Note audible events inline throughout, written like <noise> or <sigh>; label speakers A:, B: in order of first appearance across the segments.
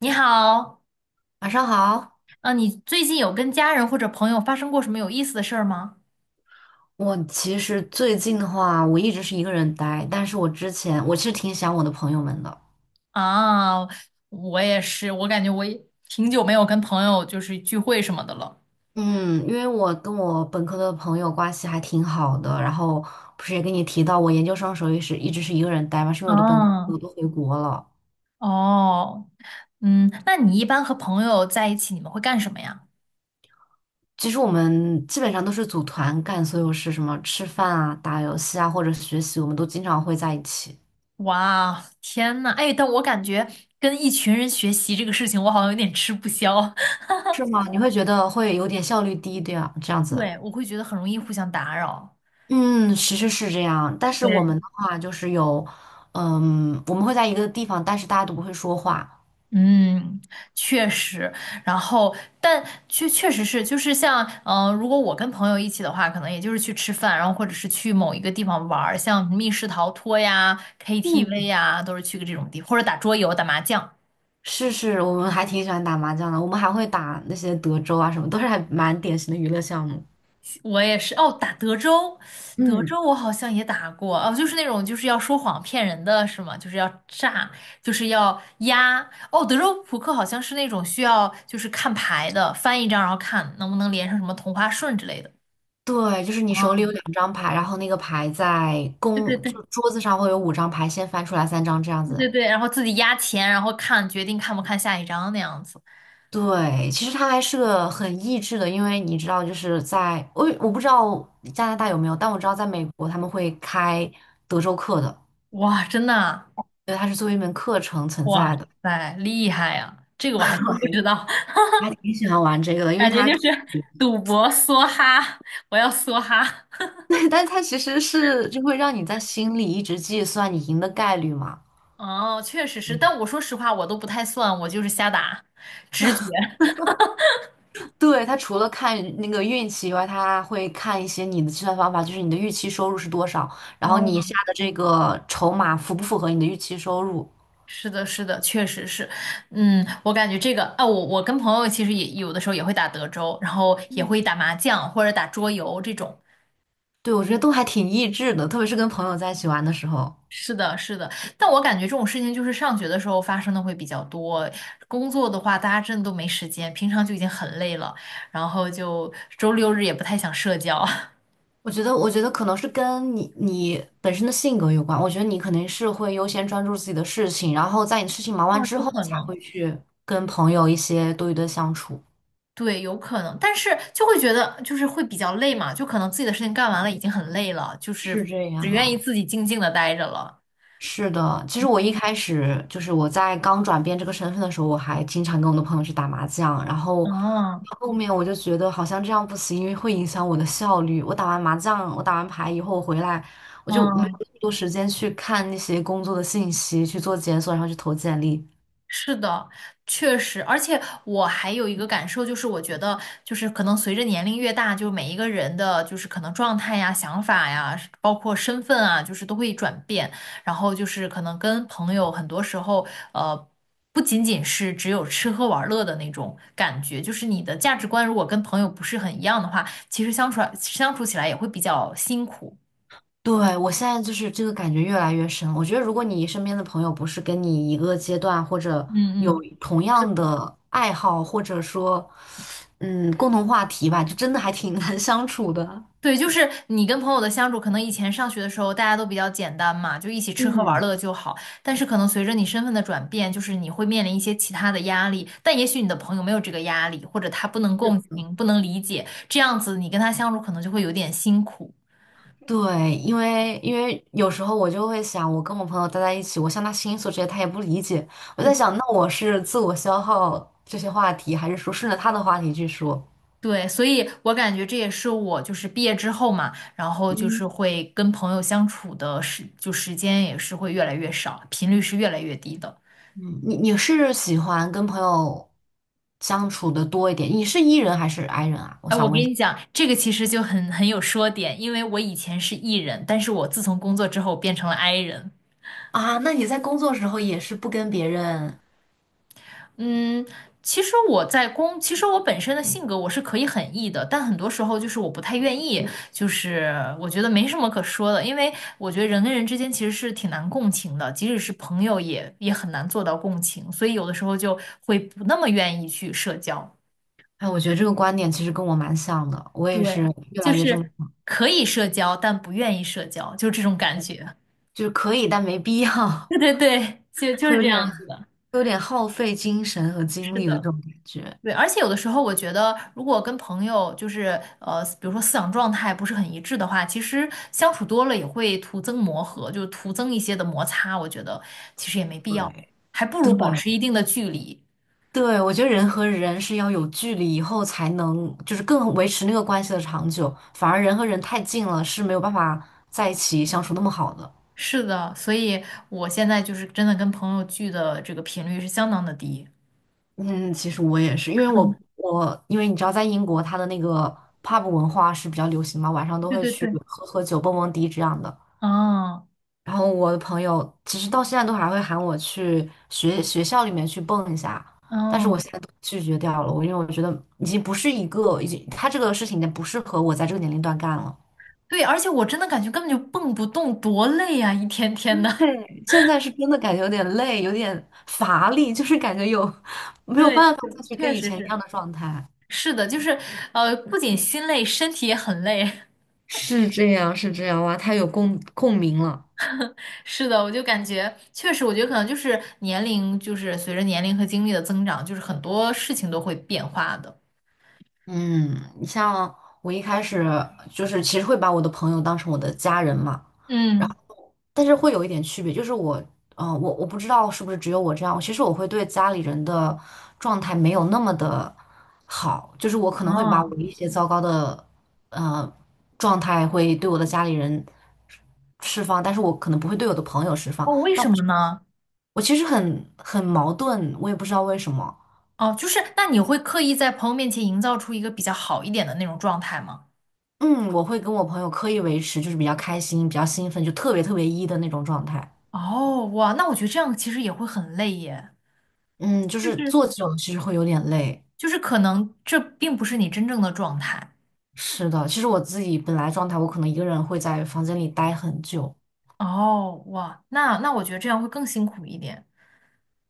A: 你好，
B: 晚上好。
A: 你最近有跟家人或者朋友发生过什么有意思的事儿吗？
B: 我其实最近的话，我一直是一个人待，但是我之前我其实挺想我的朋友们的。
A: 啊，我也是，我感觉我也挺久没有跟朋友就是聚会什么的了。
B: 嗯，因为我跟我本科的朋友关系还挺好的，然后不是也跟你提到我研究生时候也是一直是一个人待嘛，是因为我的本科朋友
A: 嗯。
B: 都回国了。
A: 哦。嗯，那你一般和朋友在一起，你们会干什么呀？
B: 其实我们基本上都是组团干所有事，什么吃饭啊、打游戏啊或者学习，我们都经常会在一起。
A: 哇，天呐，哎，但我感觉跟一群人学习这个事情，我好像有点吃不消。<laughs>
B: 是吗？你会觉得会有点效率低，对啊，这样子。
A: 对，我会觉得很容易互相打扰。
B: 嗯，其实是这样，但是我
A: 对。
B: 们的话就是有，嗯，我们会在一个地方，但是大家都不会说话。
A: 嗯，确实。然后但确确实是，就是像如果我跟朋友一起的话，可能也就是去吃饭，然后或者是去某一个地方玩儿像密室逃脱呀、KTV
B: 嗯，
A: 呀，都是去个这种地方，或者打桌游、打麻将。
B: 是是，我们还挺喜欢打麻将的，我们还会打那些德州啊什么，都是还蛮典型的娱乐项目。
A: 我也是。哦，打德州，德
B: 嗯，
A: 州我好像也打过。哦，就是那种就是要说谎骗人的是吗？就是要诈，就是要压。哦，德州扑克好像是那种需要就是看牌的，翻一张然后看能不能连上什么同花顺之类的。
B: 对，就是你手
A: 啊。
B: 里有两张牌，然后那个牌在
A: 对
B: 公，
A: 对对
B: 就桌子上会有五张牌，先翻出来三张这样
A: 对对
B: 子。
A: 对，然后自己压钱，然后看决定看不看下一张那样子。
B: 对，其实它还是个很益智的，因为你知道，就是在我不知道加拿大有没有，但我知道在美国他们会开德州课的。
A: 哇，真的啊。
B: 对，它是作为一门课程存
A: 哇
B: 在的。
A: 塞，厉害呀！这个我还真不知道。
B: <laughs> 我还挺喜欢玩这个的，
A: <laughs>
B: 因为
A: 感觉
B: 它
A: 就是
B: 可以。
A: 赌博梭哈，我要梭哈。
B: <laughs> 对，但它其实是就会让你在心里一直计算你赢的概率嘛。
A: 哦，确实是，但我说实话，我都不太算，我就是瞎打，直觉。
B: 对，它除了看那个运气以外，它会看一些你的计算方法，就是你的预期收入是多少，然后你
A: 哦，
B: 下的这个筹码符不符合你的预期收入。
A: 是的，是的，确实是。嗯，我感觉这个，啊，我跟朋友其实也有的时候也会打德州，然后也会打麻将或者打桌游这种。
B: 对，我觉得都还挺益智的，特别是跟朋友在一起玩的时候。
A: 是的，是的。但我感觉这种事情就是上学的时候发生的会比较多，工作的话大家真的都没时间，平常就已经很累了，然后就周六日也不太想社交。<laughs>
B: 我觉得，我觉得可能是跟你本身的性格有关。我觉得你肯定是会优先专注自己的事情，然后在你事情忙完
A: 哦，
B: 之
A: 有
B: 后，
A: 可
B: 才
A: 能。
B: 会去跟朋友一些多余的相处。
A: 对，有可能，但是就会觉得就是会比较累嘛，就可能自己的事情干完了已经很累了，就
B: 是
A: 是
B: 这
A: 只愿意
B: 样，
A: 自己静静的待着了。
B: 是的。其实我一开始就是我在刚转变这个身份的时候，我还经常跟我的朋友去打麻将，然后
A: 嗯。
B: 后面我就觉得好像这样不行，因为会影响我的效率。我打完麻将，我打完牌以后我回来，我就没有
A: 嗯，
B: 那么多时间去看那些工作的信息，去做检索，然后去投简历。
A: 是的，确实。而且我还有一个感受，就是我觉得，就是可能随着年龄越大，就每一个人的，就是可能状态呀、想法呀，包括身份啊，就是都会转变。然后就是可能跟朋友，很多时候，呃，不仅仅是只有吃喝玩乐的那种感觉，就是你的价值观如果跟朋友不是很一样的话，其实相处起来也会比较辛苦。
B: 对，我现在就是这个感觉越来越深。我觉得，如果你身边的朋友不是跟你一个阶段，或者有
A: 嗯。
B: 同样的爱好，或者说，嗯，共同话题吧，就真的还挺 <laughs> 难相处的。
A: 对，就是你跟朋友的相处，可能以前上学的时候大家都比较简单嘛，就一起吃喝玩
B: 嗯
A: 乐就好。但是可能随着你身份的转变，就是你会面临一些其他的压力，但也许你的朋友没有这个压力，或者他不能共情、不能理解，这样子你跟他相处可能就会有点辛苦。
B: 对，因为有时候我就会想，我跟我朋友待在一起，我向他倾诉这些，他也不理解。我
A: 对。
B: 在想，那我是自我消耗这些话题，还是说顺着他的话题去说？
A: 对，所以我感觉这也是我就是毕业之后嘛，然后就
B: 嗯。
A: 是会跟朋友相处的时，就时间也是会越来越少，频率是越来越低的。
B: 嗯你是喜欢跟朋友相处的多一点？你是 E 人还是 I 人啊？我
A: 哎，我
B: 想
A: 跟
B: 问一下
A: 你讲，这个其实就很有说点，因为我以前是 E 人，但是我自从工作之后变成了 I 人。
B: 啊，那你在工作时候也是不跟别人。
A: 嗯，其实我在工，其实我本身的性格我是可以很 E 的，但很多时候就是我不太愿意，就是我觉得没什么可说的，因为我觉得人跟人之间其实是挺难共情的，即使是朋友也很难做到共情，所以有的时候就会不那么愿意去社交。
B: 哎，我觉得这个观点其实跟我蛮像的，我也是
A: 对，
B: 越
A: 就
B: 来越这么，
A: 是可以社交，但不愿意社交，就这种感觉。
B: 就是可以，但没必要。
A: <laughs> 对对对，就
B: <laughs>
A: 就
B: 会
A: 是
B: 有
A: 这
B: 点
A: 样子的。
B: 会有点耗费精神和精
A: 是
B: 力的这
A: 的。
B: 种感觉。
A: 对。而且有的时候，我觉得如果跟朋友就是比如说思想状态不是很一致的话，其实相处多了也会徒增磨合，就是徒增一些的摩擦。我觉得其实也没必要，
B: 对
A: 还不如保持一
B: 对
A: 定的距离。
B: 对，我觉得人和人是要有距离以后才能，就是更维持那个关系的长久，反而人和人太近了是没有办法在一起相处那么好的。
A: 是的，所以我现在就是真的跟朋友聚的这个频率是相当的低。
B: 嗯，其实我也是，因为我因为你知道，在英国它的那个 pub 文化是比较流行嘛，晚上都
A: 对
B: 会
A: 对
B: 去
A: 对。
B: 喝喝酒、蹦蹦迪这样的。
A: 嗯。
B: 然后我的朋友其实到现在都还会喊我去学学校里面去蹦一下，但是我
A: 嗯，
B: 现在都拒绝掉了，我因为我觉得已经不是一个，已经他这个事情已经不适合我在这个年龄段干了。
A: 对。而且我真的感觉根本就蹦不动，多累呀、一天天的。
B: 对 <laughs>，现在是真的感觉有点累，有点乏力，就是感觉有
A: <laughs>
B: 没有
A: 对，就
B: 办法
A: 是
B: 再去跟
A: 确
B: 以
A: 实
B: 前一
A: 是。
B: 样的状态。
A: 是的，就是不仅心累，身体也很累。
B: 是这样，是这样，哇，太有共共鸣了。
A: <laughs> 是的，我就感觉确实，我觉得可能就是年龄，就是随着年龄和经历的增长，就是很多事情都会变化的。
B: 嗯，你像我一开始就是其实会把我的朋友当成我的家人嘛，
A: 嗯。
B: 但是会有一点区别，就是我，我不知道是不是只有我这样，其实我会对家里人的状态没有那么的好，就是我可能会把
A: 哦。
B: 我一些糟糕的呃状态会对我的家里人释放，但是我可能不会对我的朋友释放，
A: 哦，为
B: 但
A: 什么
B: 我
A: 呢？
B: 我其实很很矛盾，我也不知道为什么。
A: 哦，就是那你会刻意在朋友面前营造出一个比较好一点的那种状态吗？
B: 嗯，我会跟我朋友刻意维持，就是比较开心、比较兴奋，就特别特别一的那种状态。
A: 哦，哇，那我觉得这样其实也会很累耶，
B: 嗯，就
A: 就
B: 是
A: 是
B: 做久了其实会有点累。
A: 就是可能这并不是你真正的状态。
B: 是的，其实我自己本来状态，我可能一个人会在房间里待很久。
A: 哦，哇，那那我觉得这样会更辛苦一点。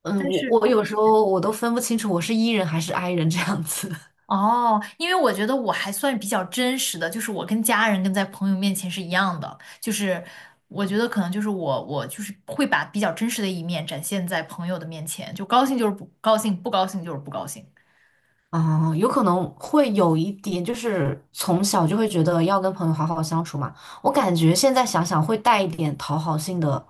B: 嗯，
A: 但
B: 我
A: 是。
B: 我有时候我都分不清楚我是 E 人还是 I 人这样子。<laughs>
A: 哦，因为我觉得我还算比较真实的，就是我跟家人跟在朋友面前是一样的，就是我觉得可能就是我就是会把比较真实的一面展现在朋友的面前，就高兴就是不高兴，不高兴就是不高兴。
B: 啊、有可能会有一点，就是从小就会觉得要跟朋友好好相处嘛。我感觉现在想想会带一点讨好性的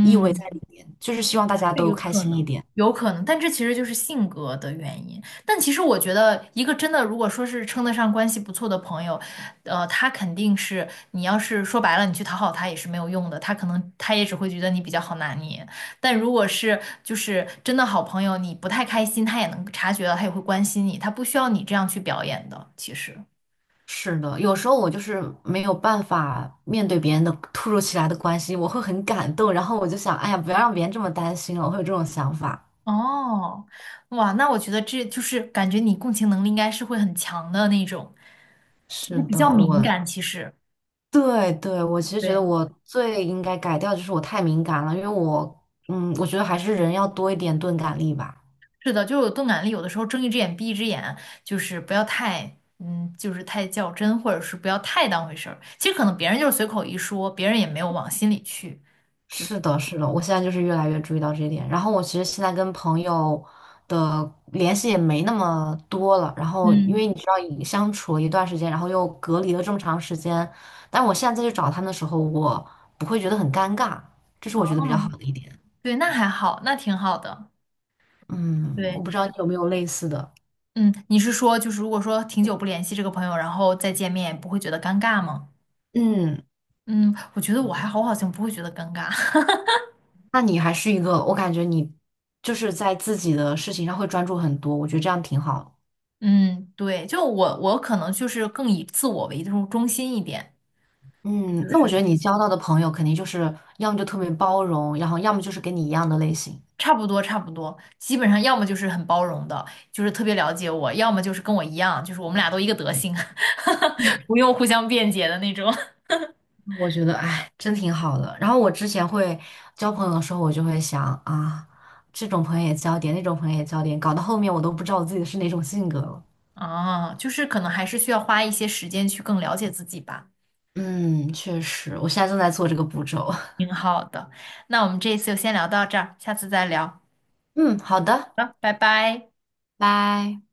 B: 意味在里面，就是希望大家
A: 对，
B: 都
A: 有
B: 开
A: 可
B: 心一
A: 能。
B: 点。
A: 有可能，但这其实就是性格的原因。但其实我觉得，一个真的如果说是称得上关系不错的朋友，他肯定是你要是说白了，你去讨好他也是没有用的，他可能他也只会觉得你比较好拿捏。但如果是就是真的好朋友，你不太开心，他也能察觉到，他也会关心你，他不需要你这样去表演的。其实，
B: 是的，有时候我就是没有办法面对别人的突如其来的关心，我会很感动，然后我就想，哎呀，不要让别人这么担心了，我会有这种想法。
A: 哦，哇，那我觉得这就是感觉你共情能力应该是会很强的那种，就
B: 是
A: 是比较
B: 的，
A: 敏
B: 我
A: 感，其实。
B: 对对，我其实觉得
A: 对。
B: 我最应该改掉就是我太敏感了，因为我嗯，我觉得还是人要多一点钝感力吧。
A: 是的，就是有钝感力，有的时候睁一只眼闭一只眼，就是不要太，就是太较真，或者是不要太当回事儿。其实可能别人就是随口一说，别人也没有往心里去。就是
B: 是的，是的，我现在就是越来越注意到这一点。然后我其实现在跟朋友的联系也没那么多了。然后因为
A: 嗯。
B: 你知道，已相处了一段时间，然后又隔离了这么长时间，但我现在再去找他们的时候，我不会觉得很尴尬，这是我觉
A: 哦，
B: 得比较好的一点。
A: 对，那还好，那挺好的。
B: 嗯，我
A: 对。
B: 不知道你有没有类似的。
A: 嗯，你是说，就是如果说挺久不联系这个朋友，然后再见面，不会觉得尴尬吗？
B: 嗯，
A: 嗯，我觉得我还好，我好像不会觉得尴尬。<laughs>
B: 那你还是一个，我感觉你就是在自己的事情上会专注很多，我觉得这样挺好的。
A: 嗯，对，就我可能就是更以自我为中心一点，
B: 嗯，
A: 就
B: 那我
A: 是
B: 觉得你交到的朋友肯定就是要么就特别包容，然后要么就是跟你一样的类型。
A: 差不多，差不多，基本上要么就是很包容的，就是特别了解我，要么就是跟我一样，就是我们俩都一个德行。<laughs> 不用互相辩解的那种。
B: 我觉得，哎，真挺好的。然后我之前会交朋友的时候，我就会想啊，这种朋友也交点，那种朋友也交点，搞到后面我都不知道我自己是哪种性格了。
A: 啊，就是可能还是需要花一些时间去更了解自己吧。
B: 嗯，确实，我现在正在做这个步骤。
A: 挺好的，那我们这一次就先聊到这儿，下次再聊。
B: <laughs> 嗯，好的，
A: 好，拜拜。
B: 拜。